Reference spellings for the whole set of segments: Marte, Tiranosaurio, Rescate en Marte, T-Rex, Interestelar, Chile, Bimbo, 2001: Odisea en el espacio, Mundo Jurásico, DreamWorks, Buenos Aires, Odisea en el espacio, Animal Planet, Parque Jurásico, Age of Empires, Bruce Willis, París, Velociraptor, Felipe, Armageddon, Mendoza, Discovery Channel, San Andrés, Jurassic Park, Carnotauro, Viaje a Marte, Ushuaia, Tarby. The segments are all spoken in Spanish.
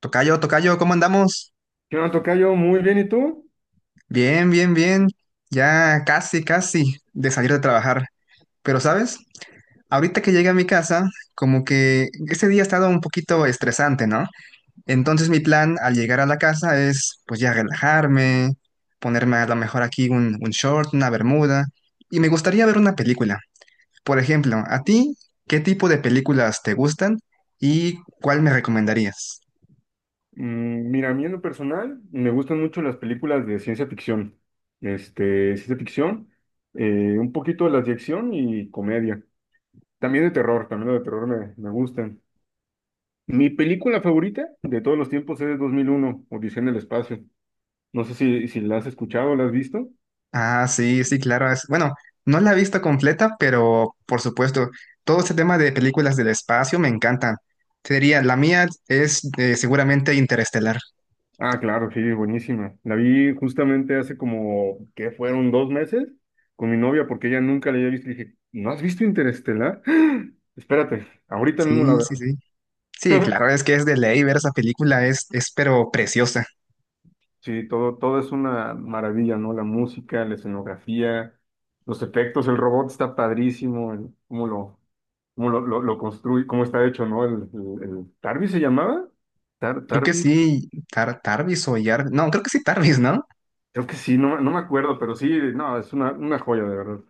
Tocayo, tocayo, ¿cómo andamos? ¿Qué onda, tocayo? Muy bien, ¿y tú? Bien, bien, bien. Ya casi, casi de salir de trabajar. Pero, ¿sabes? Ahorita que llegué a mi casa, como que ese día ha estado un poquito estresante, ¿no? Entonces mi plan al llegar a la casa es, pues ya relajarme, ponerme a lo mejor aquí un short, una bermuda. Y me gustaría ver una película. Por ejemplo, ¿a ti qué tipo de películas te gustan y cuál me recomendarías? Mira, a mí en lo personal me gustan mucho las películas de ciencia ficción. Ciencia ficción, un poquito de las de acción y comedia. También de terror, también las de terror me gustan. Mi película favorita de todos los tiempos es 2001, Odisea en el espacio. No sé si la has escuchado, la has visto. Ah, sí, sí, claro. Bueno, no la he visto completa, pero por supuesto, todo este tema de películas del espacio me encantan. Te diría, la mía es seguramente Interestelar. Ah, claro, sí, buenísima. La vi justamente hace como que fueron 2 meses con mi novia porque ella nunca la había visto, y dije, ¿no has visto Interestelar? Espérate, ahorita mismo la Sí, sí, sí. Sí, veo. claro, es que es de ley ver esa película, es pero preciosa. Sí, todo, todo es una maravilla, ¿no? La música, la escenografía, los efectos, el robot está padrísimo, cómo lo construye, cómo está hecho, ¿no? ¿Tarby se llamaba? Tar, Creo que Tarby, sí, Tarvis o Jarvis. No, creo que sí Tarvis, ¿no? creo que sí, no, no me acuerdo, pero sí, no, es una joya, de verdad.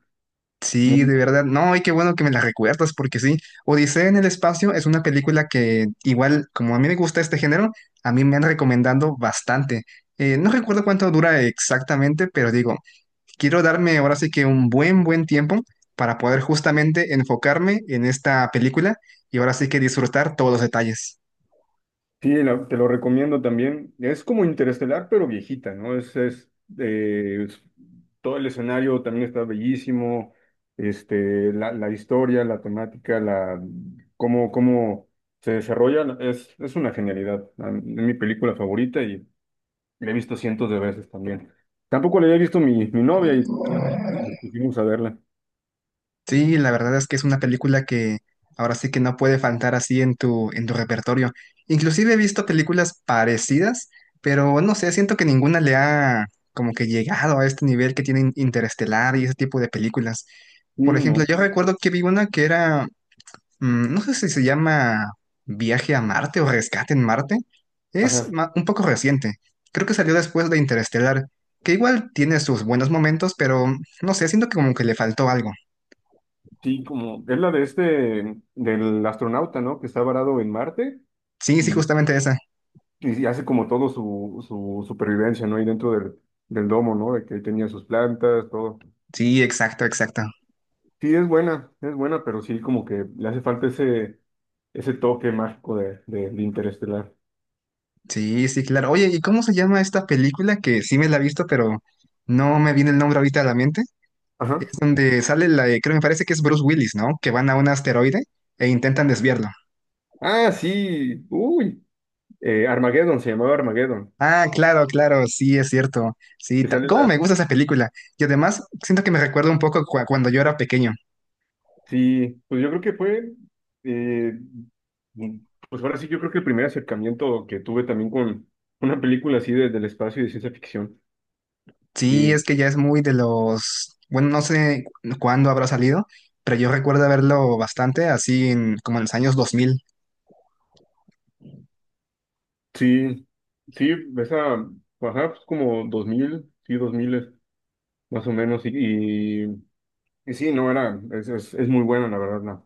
Sí, de verdad. No, y qué bueno que me la recuerdas, porque sí, Odisea en el espacio es una película que igual, como a mí me gusta este género, a mí me han recomendado bastante. No recuerdo cuánto dura exactamente, pero digo, quiero darme ahora sí que un buen tiempo para poder justamente enfocarme en esta película y ahora sí que disfrutar todos los detalles. Sí, te lo recomiendo también. Es como Interestelar, pero viejita, ¿no? Eh, es- Todo el escenario también está bellísimo. La historia, la temática, cómo se desarrolla, es una genialidad. Es mi película favorita y la he visto cientos de veces también. Tampoco la había visto mi novia y nos pusimos a verla. Sí, la verdad es que es una película que ahora sí que no puede faltar así en en tu repertorio. Inclusive he visto películas parecidas, pero no sé, siento que ninguna le ha como que llegado a este nivel que tienen Interestelar y ese tipo de películas. Sí, Por ejemplo, no. yo recuerdo que vi una que no sé si se llama Viaje a Marte o Rescate en Marte. Ajá. Un poco reciente. Creo que salió después de Interestelar, que igual tiene sus buenos momentos, pero no sé, siento que como que le faltó algo. Sí, como es la de del astronauta, ¿no? Que está varado en Marte. Sí, sí, justamente esa. Y hace como todo su supervivencia, ¿no? Ahí dentro del domo, ¿no? De que ahí tenía sus plantas, todo. Sí, exacto, exacto. Sí, es buena, pero sí como que le hace falta ese toque mágico de Interestelar. Sí, sí, claro. Oye, ¿y cómo se llama esta película que sí me la he visto, pero no me viene el nombre ahorita a la mente? Es Ajá. donde sale creo me parece que es Bruce Willis, ¿no? Que van a un asteroide e intentan desviarlo. Ah, sí, uy, Armageddon, se llamaba Armageddon. Ah, claro, claro, sí, es cierto. Sí, Que sale cómo la. me gusta esa película. Y además siento que me recuerda un poco cuando yo era pequeño. Sí, pues yo creo que eh, mm, pues ahora sí, yo creo que el primer acercamiento que tuve también con una película del espacio y de ciencia ficción. Sí, Sí, es que ya es muy de los, bueno, no sé cuándo habrá salido, pero yo recuerdo verlo bastante así como en los años 2000. Sí, sí, esa, ajá, pues como 2000, sí, 2000 más o menos, y, y sí, no, era, es muy buena, la verdad,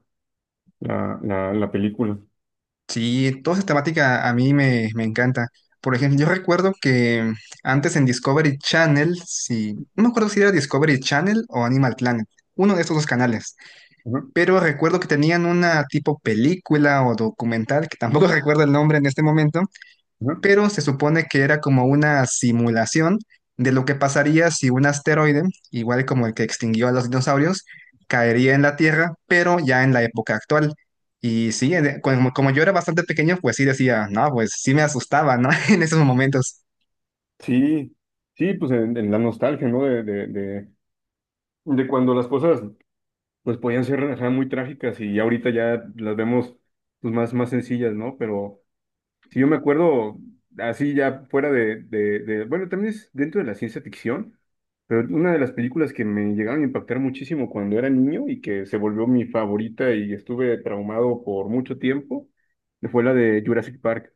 la película. Sí, toda esa temática a me encanta. Por ejemplo, yo recuerdo que antes en Discovery Channel, sí, no me acuerdo si era Discovery Channel o Animal Planet, uno de estos dos canales, Ajá, pero recuerdo que tenían una tipo película o documental, que tampoco recuerdo el nombre en este momento, ajá. pero se supone que era como una simulación de lo que pasaría si un asteroide, igual como el que extinguió a los dinosaurios, caería en la Tierra, pero ya en la época actual. Y sí, como yo era bastante pequeño, pues sí decía, no, pues sí me asustaba, ¿no? En esos momentos. Sí, sí, pues en la nostalgia, ¿no? De cuando las cosas, pues podían ser, ajá, muy trágicas y ya ahorita ya las vemos, pues más, más sencillas, ¿no? Pero, si yo me acuerdo, así ya fuera bueno, también es dentro de la ciencia ficción, pero una de las películas que me llegaron a impactar muchísimo cuando era niño y que se volvió mi favorita y estuve traumado por mucho tiempo, fue la de Jurassic Park.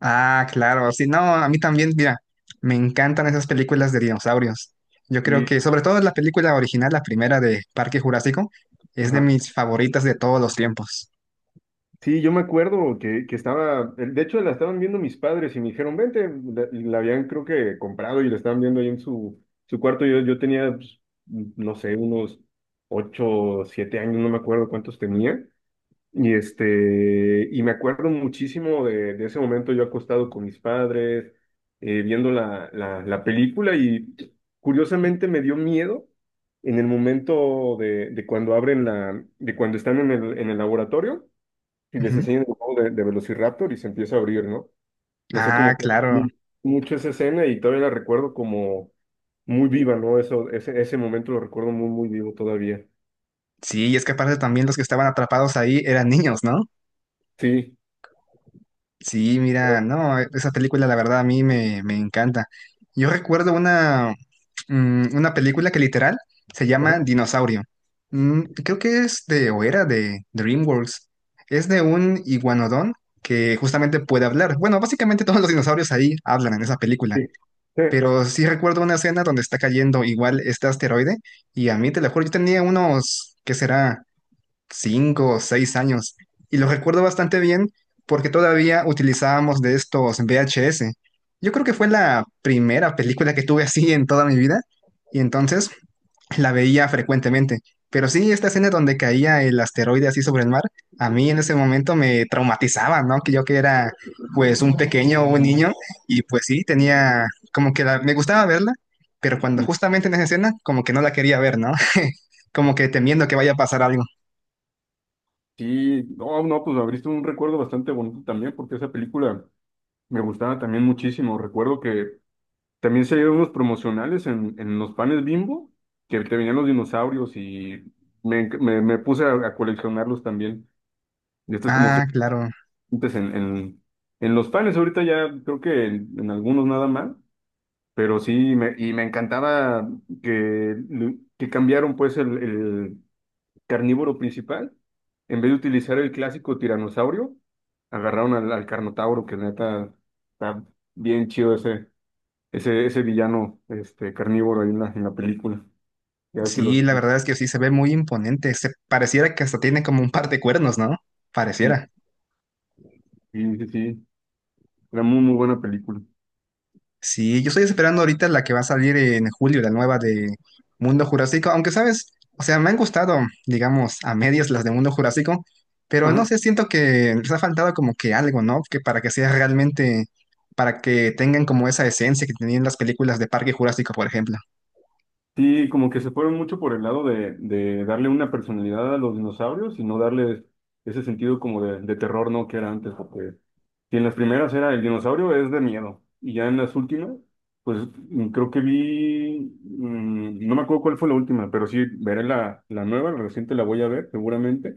Ah, claro, sí, no, a mí también, mira, me encantan esas películas de dinosaurios. Yo creo Sí, que, sobre todo la película original, la primera de Parque Jurásico, es de ajá. mis favoritas de todos los tiempos. Sí, yo me acuerdo que estaba, de hecho la estaban viendo mis padres y me dijeron, vente, y la habían creo que comprado y la estaban viendo ahí en su cuarto. Yo tenía, pues, no sé, unos 8, 7 años, no me acuerdo cuántos tenía. Y y me acuerdo muchísimo de ese momento yo acostado con mis padres, viendo la película y curiosamente me dio miedo en el momento de cuando abren de cuando están en el laboratorio y les Ujú. enseñan el juego de Velociraptor y se empieza a abrir, ¿no? No sé Ah, cómo fue claro. Mucho esa escena y todavía la recuerdo como muy viva, ¿no? Ese momento lo recuerdo muy, muy vivo todavía. Sí, y es que aparte también los que estaban atrapados ahí eran niños, ¿no? Sí. Sí, mira, no, e, esa película la verdad a me encanta. Yo recuerdo una película que literal se Ajá, llama Dinosaurio. Mm, creo que es de, o era de DreamWorks. Es de un iguanodón que justamente puede hablar. Bueno, básicamente todos los dinosaurios ahí hablan en esa película. Sí. Pero sí recuerdo una escena donde está cayendo igual este asteroide y a mí, te lo juro, yo tenía unos, ¿qué será? Cinco o seis años. Y lo recuerdo bastante bien porque todavía utilizábamos de estos VHS. Yo creo que fue la primera película que tuve así en toda mi vida y entonces la veía frecuentemente. Pero sí, esta escena donde caía el asteroide así sobre el mar, a mí en ese momento me traumatizaba, ¿no? Que yo que era pues un pequeño, un niño, y pues sí, tenía como que me gustaba verla, pero cuando Sí. justamente en esa escena como que no la quería ver, ¿no? Como que temiendo que vaya a pasar algo. Sí, no, no, pues abriste un recuerdo bastante bonito también, porque esa película me gustaba también muchísimo. Recuerdo que también salieron unos promocionales en los panes Bimbo, que te venían los dinosaurios y me puse a coleccionarlos también. Y estos como Ah, claro. frecuentes en los panes, ahorita ya creo que en algunos nada más, pero sí, y me encantaba que, que cambiaron pues carnívoro principal, en vez de utilizar el clásico tiranosaurio, agarraron al Carnotauro, que neta está bien chido ese villano carnívoro ahí en la película. Ya ves que Sí, los. la verdad es que sí se ve muy imponente. Se pareciera que hasta tiene como un par de cuernos, ¿no? Sí, Pareciera. sí, sí, sí. Era muy, muy buena película. Sí, yo estoy esperando ahorita la que va a salir en julio, la nueva de Mundo Jurásico, aunque sabes, o sea, me han gustado, digamos, a medias las de Mundo Jurásico, pero no Ajá. sé, siento que les ha faltado como que algo, ¿no? Que para que sea realmente, para que tengan como esa esencia que tenían las películas de Parque Jurásico, por ejemplo. Sí, como que se fueron mucho por el lado de darle una personalidad a los dinosaurios y no darles ese sentido como de terror, ¿no? Que era antes, porque si en las primeras era el dinosaurio es de miedo y ya en las últimas, pues creo que vi, no me acuerdo cuál fue la última, pero sí veré la nueva, la reciente la voy a ver seguramente,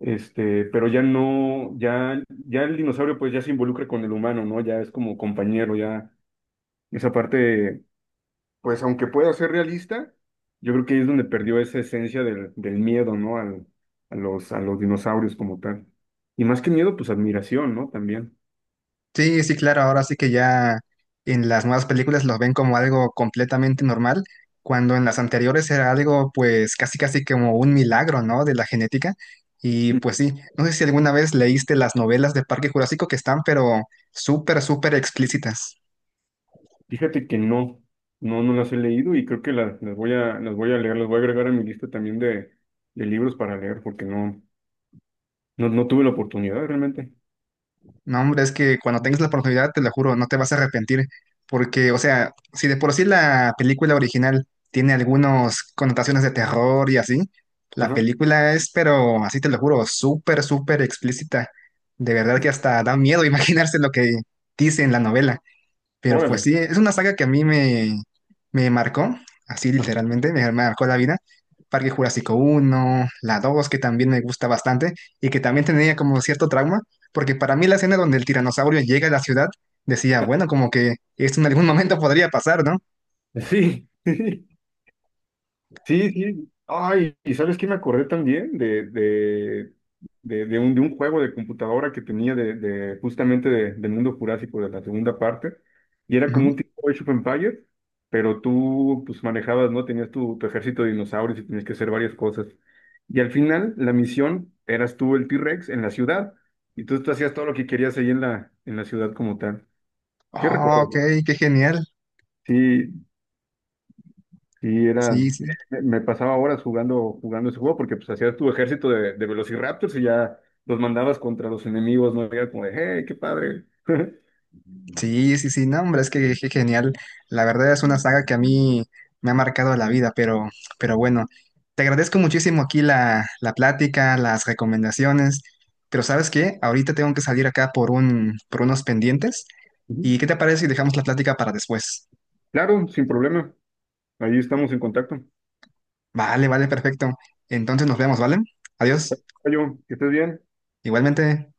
pero ya no, ya el dinosaurio pues ya se involucra con el humano, ¿no? Ya es como compañero, ya esa parte pues aunque pueda ser realista, yo creo que ahí es donde perdió esa esencia del miedo, ¿no? A los dinosaurios como tal. Y más que miedo, pues admiración, ¿no? También. Sí, sí, claro, ahora sí que ya en las nuevas películas los ven como algo completamente normal, cuando en las anteriores era algo pues casi casi como un milagro, ¿no? De la genética. Y Mm. pues sí, no sé si alguna vez leíste las novelas de Parque Jurásico que están pero súper, súper explícitas. Fíjate que no, no, no las he leído y creo que las voy a, las voy a leer, las voy a agregar a mi lista también de libros para leer, porque no, no, no tuve la oportunidad realmente. No, hombre, es que cuando tengas la oportunidad, te lo juro, no te vas a arrepentir. Porque, o sea, si de por sí la película original tiene algunas connotaciones de terror y así, la Ajá, película es, pero así te lo juro, súper, súper explícita. De verdad que hasta da miedo imaginarse lo que dice en la novela. Pero pues órale. sí, es una saga que a me marcó, así Ajá. literalmente, me marcó la vida. Parque Jurásico uno la 2 que también me gusta bastante y que también tenía como cierto trauma, porque para mí la escena donde el tiranosaurio llega a la ciudad, decía, bueno, como que esto en algún momento podría pasar, ¿no? Sí. Sí, sí. Ay, ¿y sabes qué me acordé también de un juego de computadora que tenía de justamente del mundo jurásico de la segunda parte? Y era Ujú. como un tipo Age of Empires, pero tú pues manejabas, ¿no? Tenías tu ejército de dinosaurios y tenías que hacer varias cosas. Y al final, la misión eras tú el T-Rex en la ciudad. Y tú hacías todo lo que querías ahí en la ciudad como tal. ¿Qué Oh, ok, recuerdo? qué genial. Sí. Y era, Sí, sí. me me pasaba horas jugando, jugando ese juego porque pues hacías tu ejército de Velociraptors y ya los mandabas contra los enemigos, ¿no? Y era como de, hey, qué padre. Sí, sí, sí, no, hombre, es que genial. La verdad es una saga que a mí me ha marcado la vida, pero bueno, te agradezco muchísimo aquí la, la plática, las recomendaciones, pero ¿sabes qué? Ahorita tengo que salir acá por un, por unos pendientes. ¿Y Ujú. qué te parece si dejamos la plática para después? Claro, sin problema. Ahí estamos en contacto. Vale, vale, perfecto. Entonces nos vemos, ¿vale? Adiós. Oye, que estés bien. Igualmente.